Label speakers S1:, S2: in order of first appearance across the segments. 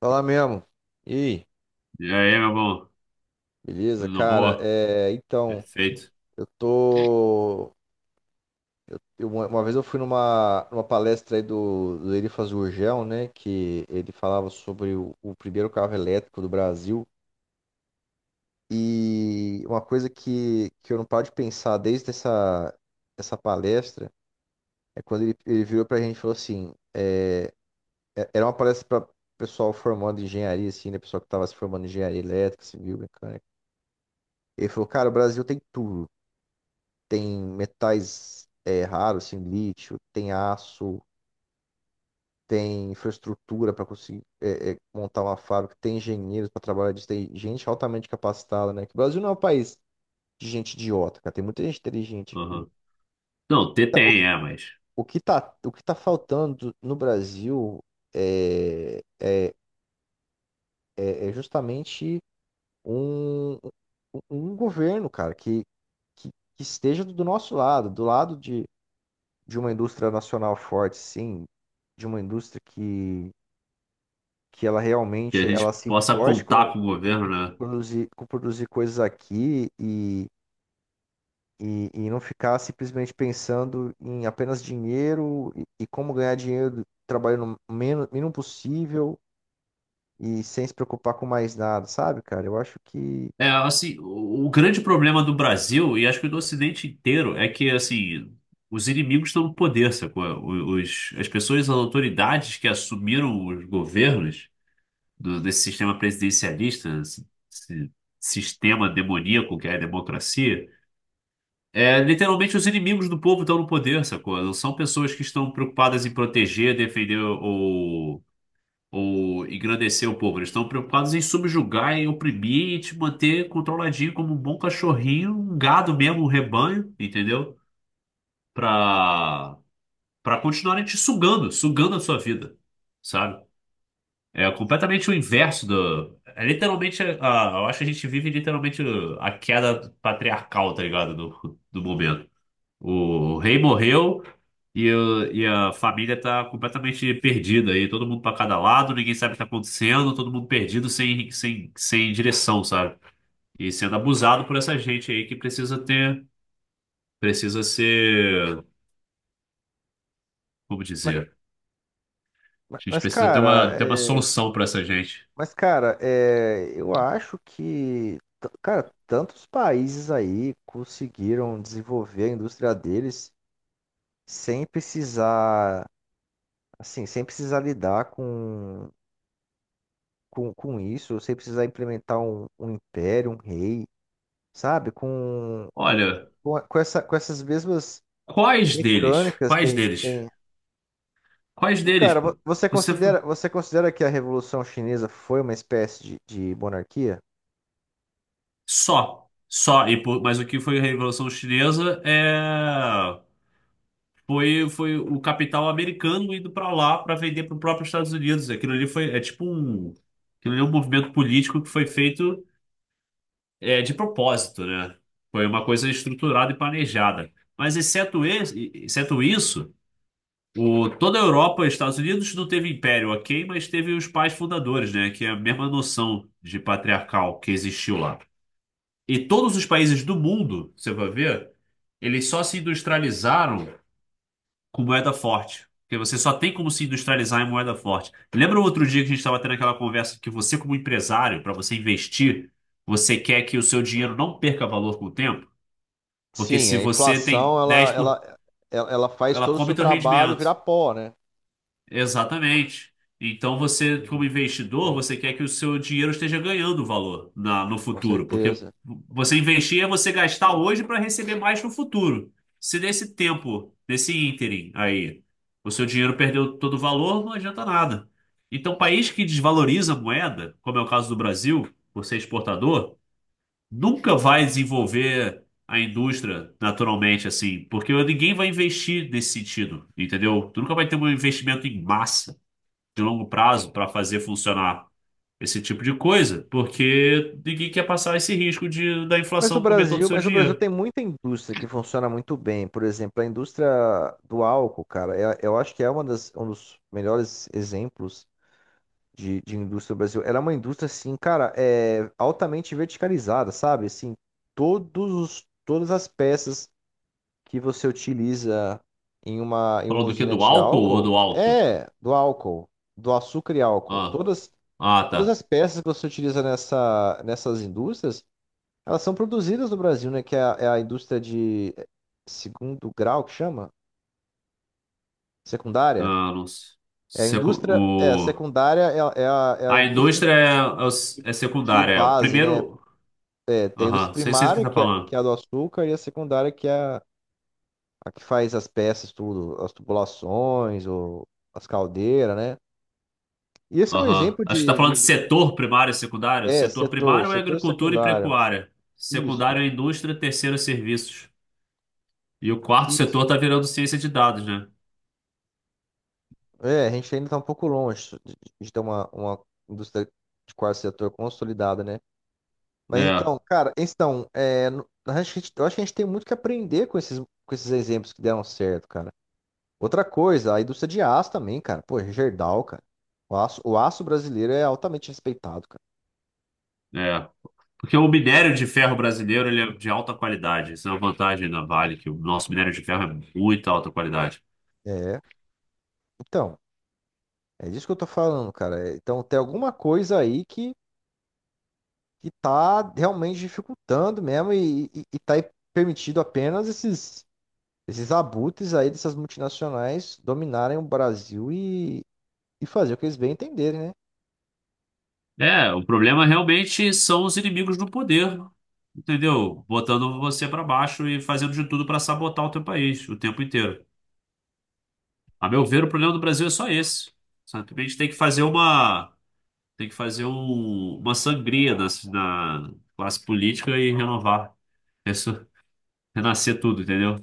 S1: Fala mesmo. E aí,
S2: E aí, meu bom?
S1: beleza,
S2: Tudo na
S1: cara?
S2: boa? Perfeito.
S1: Eu tô. Uma vez eu fui numa palestra aí do Elifas Gurgel, né? Que ele falava sobre o primeiro carro elétrico do Brasil. E uma coisa que eu não paro de pensar desde essa palestra é quando ele virou pra gente e falou assim: era uma palestra pra pessoal formando engenharia, assim, né? Pessoal que tava se formando em engenharia elétrica, civil, mecânica. Ele falou, cara, o Brasil tem tudo. Tem metais raros, assim, lítio, tem aço, tem infraestrutura para conseguir montar uma fábrica, tem engenheiros para trabalhar disso, tem gente altamente capacitada, né? Que o Brasil não é um país de gente idiota, cara. Tem muita gente inteligente aqui.
S2: Aham. Não, ter
S1: Tá- O
S2: tem,
S1: que,
S2: mas
S1: o que tá faltando no Brasil é, é, é justamente um, um um governo, cara, que, que esteja do nosso lado, do lado de uma indústria nacional forte, sim, de uma indústria que ela
S2: que a
S1: realmente ela
S2: gente
S1: se
S2: possa
S1: importe
S2: contar com o governo, né?
S1: com produzir coisas aqui e não ficar simplesmente pensando em apenas dinheiro e como ganhar dinheiro trabalhando o menos, mínimo possível e sem se preocupar com mais nada, sabe, cara? Eu acho que.
S2: Assim, o grande problema do Brasil, e acho que do Ocidente inteiro, é que os inimigos estão no poder, sacou? As pessoas, as autoridades que assumiram os governos desse sistema presidencialista, esse sistema demoníaco que é a democracia. É, literalmente os inimigos do povo estão no poder, sacou? Não são pessoas que estão preocupadas em proteger, defender ou engrandecer o povo. Eles estão preocupados em subjugar, em oprimir e te manter controladinho como um bom cachorrinho, um gado mesmo, um rebanho, entendeu? Pra, pra continuarem te sugando, sugando a sua vida, sabe? É completamente o inverso do... É literalmente, eu acho que a gente vive literalmente a queda patriarcal, tá ligado? Do momento. O rei morreu e, e a família tá completamente perdida aí. Todo mundo pra cada lado, ninguém sabe o que tá acontecendo, todo mundo perdido sem direção, sabe? E sendo abusado por essa gente aí que precisa ter, precisa ser, como
S1: Mas,
S2: dizer?
S1: mas,
S2: A gente
S1: mas,
S2: precisa
S1: cara,
S2: ter uma
S1: é,
S2: solução pra essa gente.
S1: Mas, cara, é, eu acho cara, tantos países aí conseguiram desenvolver a indústria deles sem precisar, assim, sem precisar lidar com isso, sem precisar implementar um império, um rei, sabe?
S2: Olha,
S1: Com com essas mesmas
S2: quais deles?
S1: mecânicas que a
S2: Quais
S1: gente
S2: deles?
S1: tem.
S2: Quais
S1: Pô,
S2: deles,
S1: cara,
S2: pô? Você foi...
S1: você considera que a Revolução Chinesa foi uma espécie de monarquia?
S2: Só. Só. E por... Mas o que foi a Revolução Chinesa? É. Foi, foi o capital americano indo para lá para vender para o próprio Estados Unidos. Aquilo ali foi, é tipo um, aquilo ali é um movimento político que foi feito de propósito, né? Foi uma coisa estruturada e planejada. Mas exceto, esse, exceto isso, o, toda a Europa e Estados Unidos não teve império, ok, mas teve os pais fundadores, né? Que é a mesma noção de patriarcal que existiu lá. E todos os países do mundo, você vai ver, eles só se industrializaram com moeda forte. Porque você só tem como se industrializar em moeda forte. Lembra outro dia que a gente estava tendo aquela conversa que você, como empresário, para você investir, você quer que o seu dinheiro não perca valor com o tempo? Porque
S1: Sim,
S2: se
S1: a
S2: você
S1: inflação
S2: tem 10 por...
S1: ela faz
S2: ela
S1: todo o seu
S2: come teu
S1: trabalho virar
S2: rendimento.
S1: pó, né?
S2: Exatamente. Então você,
S1: Sim.
S2: como investidor,
S1: Sim,
S2: você quer que o seu dinheiro esteja ganhando valor na, no
S1: com
S2: futuro, porque
S1: certeza.
S2: você investir é você gastar hoje para receber mais no futuro. Se nesse tempo, nesse ínterim aí, o seu dinheiro perdeu todo o valor, não adianta nada. Então, país que desvaloriza a moeda, como é o caso do Brasil, por ser exportador, nunca vai desenvolver a indústria naturalmente, assim, porque ninguém vai investir nesse sentido, entendeu? Tu nunca vai ter um investimento em massa de longo prazo para fazer funcionar esse tipo de coisa, porque ninguém quer passar esse risco de da inflação comer todo o seu
S1: Mas o Brasil
S2: dinheiro.
S1: tem muita indústria que funciona muito bem. Por exemplo, a indústria do álcool, cara, eu acho que é uma das, um dos melhores exemplos de indústria do Brasil. Ela é uma indústria, assim, cara, é altamente verticalizada, sabe? Assim, todas as peças que você utiliza em em uma
S2: Falou do que?
S1: usina
S2: Do
S1: de
S2: álcool ou do
S1: álcool
S2: alto?
S1: é do álcool, do açúcar e álcool.
S2: Ah, ah,
S1: Todas
S2: tá.
S1: as peças que você utiliza nessas indústrias, elas são produzidas no Brasil, né? Que é é a indústria de segundo grau que chama? Secundária?
S2: Ah, não sei.
S1: É a indústria, é, a
S2: O...
S1: secundária é a é a
S2: A
S1: indústria
S2: indústria é
S1: de
S2: secundária. É. O
S1: base, né?
S2: primeiro.
S1: É, tem a indústria
S2: Aham, sei, sei do que
S1: primária,
S2: você tá
S1: que
S2: falando.
S1: é a do açúcar, e a secundária, que é a que faz as peças, tudo, as tubulações, ou as caldeiras, né? E esse é um
S2: Aham.
S1: exemplo
S2: Acho que tá falando de setor primário e secundário.
S1: é,
S2: Setor primário é
S1: setor
S2: agricultura e
S1: secundário.
S2: pecuária.
S1: Isso,
S2: Secundário é indústria, terceiro é serviços. E o quarto
S1: isso.
S2: setor tá virando ciência de dados, né?
S1: É, a gente ainda está um pouco longe de ter uma indústria de quarto setor consolidada, né? Mas
S2: É,
S1: então, cara, então, é, no- eu acho que a gente tem muito que aprender com esses exemplos que deram certo, cara. Outra coisa, a indústria de aço também, cara. Pô, Gerdau, cara. O aço brasileiro é altamente respeitado, cara.
S2: é. Porque o minério de ferro brasileiro, ele é de alta qualidade. Isso é uma vantagem da Vale, que o nosso minério de ferro é muito alta qualidade.
S1: É, então, é disso que eu tô falando, cara. É, então, tem alguma coisa aí que tá realmente dificultando mesmo e tá permitido apenas esses abutres aí dessas multinacionais dominarem o Brasil e fazer o que eles bem entenderem, né?
S2: É, o problema realmente são os inimigos do poder, entendeu? Botando você para baixo e fazendo de tudo para sabotar o teu país o tempo inteiro. A meu ver, o problema do Brasil é só esse. Simplesmente tem que fazer uma, tem que fazer um- uma sangria na, na classe política e renovar. Resso- renascer tudo, entendeu?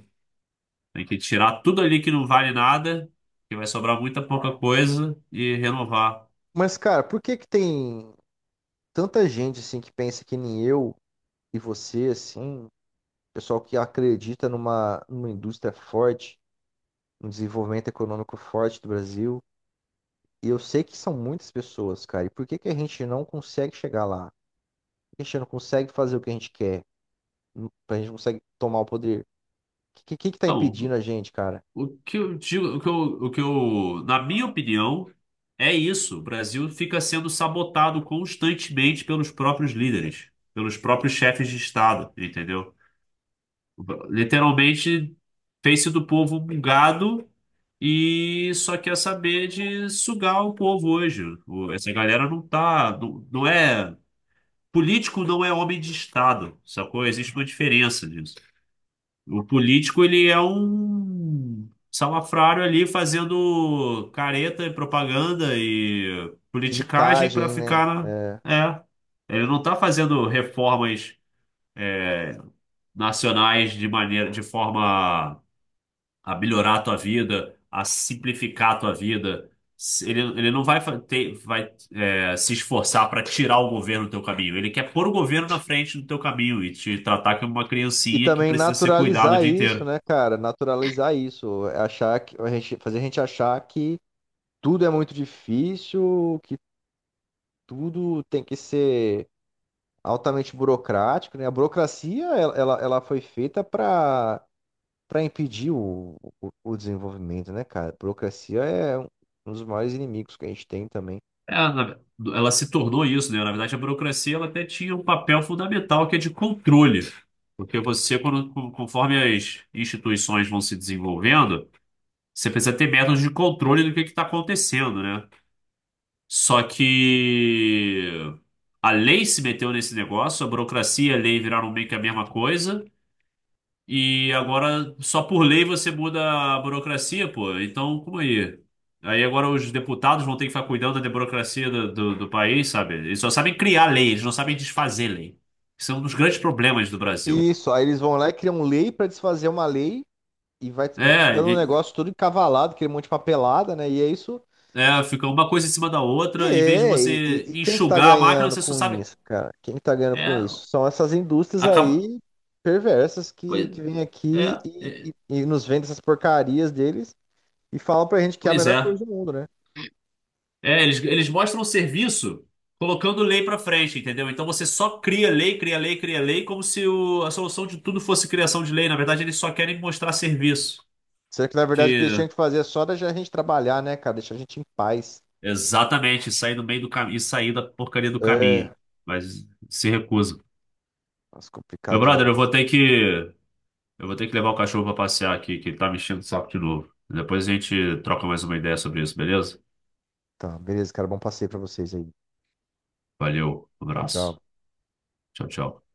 S2: Tem que tirar tudo ali que não vale nada, que vai sobrar muita pouca coisa e renovar.
S1: Mas, cara, por que que tem tanta gente, assim, que pensa que nem eu e você, assim, pessoal que acredita numa, numa indústria forte, num desenvolvimento econômico forte do Brasil? E eu sei que são muitas pessoas, cara. E por que que a gente não consegue chegar lá? Por que a gente não consegue fazer o que a gente quer? Pra gente conseguir tomar o poder. Que tá
S2: Então,
S1: impedindo a gente, cara?
S2: o que eu digo, o que eu, na minha opinião, é isso. O Brasil fica sendo sabotado constantemente pelos próprios líderes, pelos próprios chefes de Estado, entendeu? Literalmente fez-se do povo um gado e só quer saber de sugar o povo hoje. Essa galera não é, político não é homem de Estado, sacou? Existe uma diferença nisso. O político, ele é um salafrário ali fazendo careta e propaganda e politicagem para
S1: Micagem, né?
S2: ficar na...
S1: É.
S2: É, ele não tá fazendo reformas nacionais de maneira, de forma a melhorar a tua vida, a simplificar a tua vida. Ele, ele não vai fa- ter, vai, é, se esforçar para tirar o governo do teu caminho. Ele quer pôr o governo na frente do teu caminho e te tratar como uma
S1: E
S2: criancinha que
S1: também
S2: precisa ser cuidada o
S1: naturalizar
S2: dia
S1: isso,
S2: inteiro.
S1: né, cara? Naturalizar isso. É. Achar fazer a gente achar que tudo é muito difícil, que tudo tem que ser altamente burocrático, né? A burocracia, ela foi feita para para impedir o desenvolvimento, né, cara? A burocracia é um um dos maiores inimigos que a gente tem também.
S2: É, na- ela se tornou isso, né? Na verdade, a burocracia ela até tinha um papel fundamental que é de controle. Porque você, conforme as instituições vão se desenvolvendo, você precisa ter métodos de controle do que está acontecendo, né? Só que a lei se meteu nesse negócio, a burocracia e a lei viraram meio que a mesma coisa. E agora, só por lei você muda a burocracia, pô. Então, como aí? Aí agora os deputados vão ter que ficar cuidando da burocracia do país, sabe? Eles só sabem criar lei, eles não sabem desfazer lei. Isso é um dos grandes problemas do Brasil.
S1: Isso, aí eles vão lá e criam um lei para desfazer uma lei e vai
S2: É,
S1: ficando um
S2: e-
S1: negócio todo encavalado, aquele monte de papelada, né? E é isso.
S2: é, fica uma coisa em cima da outra, em vez de você
S1: E quem que tá
S2: enxugar a máquina,
S1: ganhando
S2: você só
S1: com
S2: sabe.
S1: isso, cara? Quem que tá ganhando com
S2: É,
S1: isso? São essas indústrias
S2: acaba.
S1: aí perversas
S2: Pois
S1: que vêm
S2: é,
S1: aqui
S2: é,
S1: e nos vendem essas porcarias deles e falam pra gente que é a
S2: pois
S1: melhor
S2: é.
S1: coisa do mundo, né?
S2: É, eles mostram o serviço colocando lei pra frente, entendeu? Então você só cria lei, cria lei, cria lei, como se a solução de tudo fosse criação de lei. Na verdade, eles só querem mostrar serviço.
S1: Será que na verdade o que eles
S2: Que
S1: tinham que fazer é só deixar a gente trabalhar, né, cara? Deixar a gente em paz.
S2: exatamente, sair no meio do caminho, sair da porcaria do caminho.
S1: É,
S2: Mas se recusa.
S1: nossa, complicado
S2: Meu brother,
S1: demais.
S2: eu vou ter que levar o cachorro pra passear aqui, que ele tá me enchendo o saco de novo. Depois a gente troca mais uma ideia sobre isso, beleza?
S1: Tá, beleza, cara. Bom passeio pra vocês aí.
S2: Valeu,
S1: Tchau,
S2: abraço.
S1: tchau.
S2: Tchau, tchau.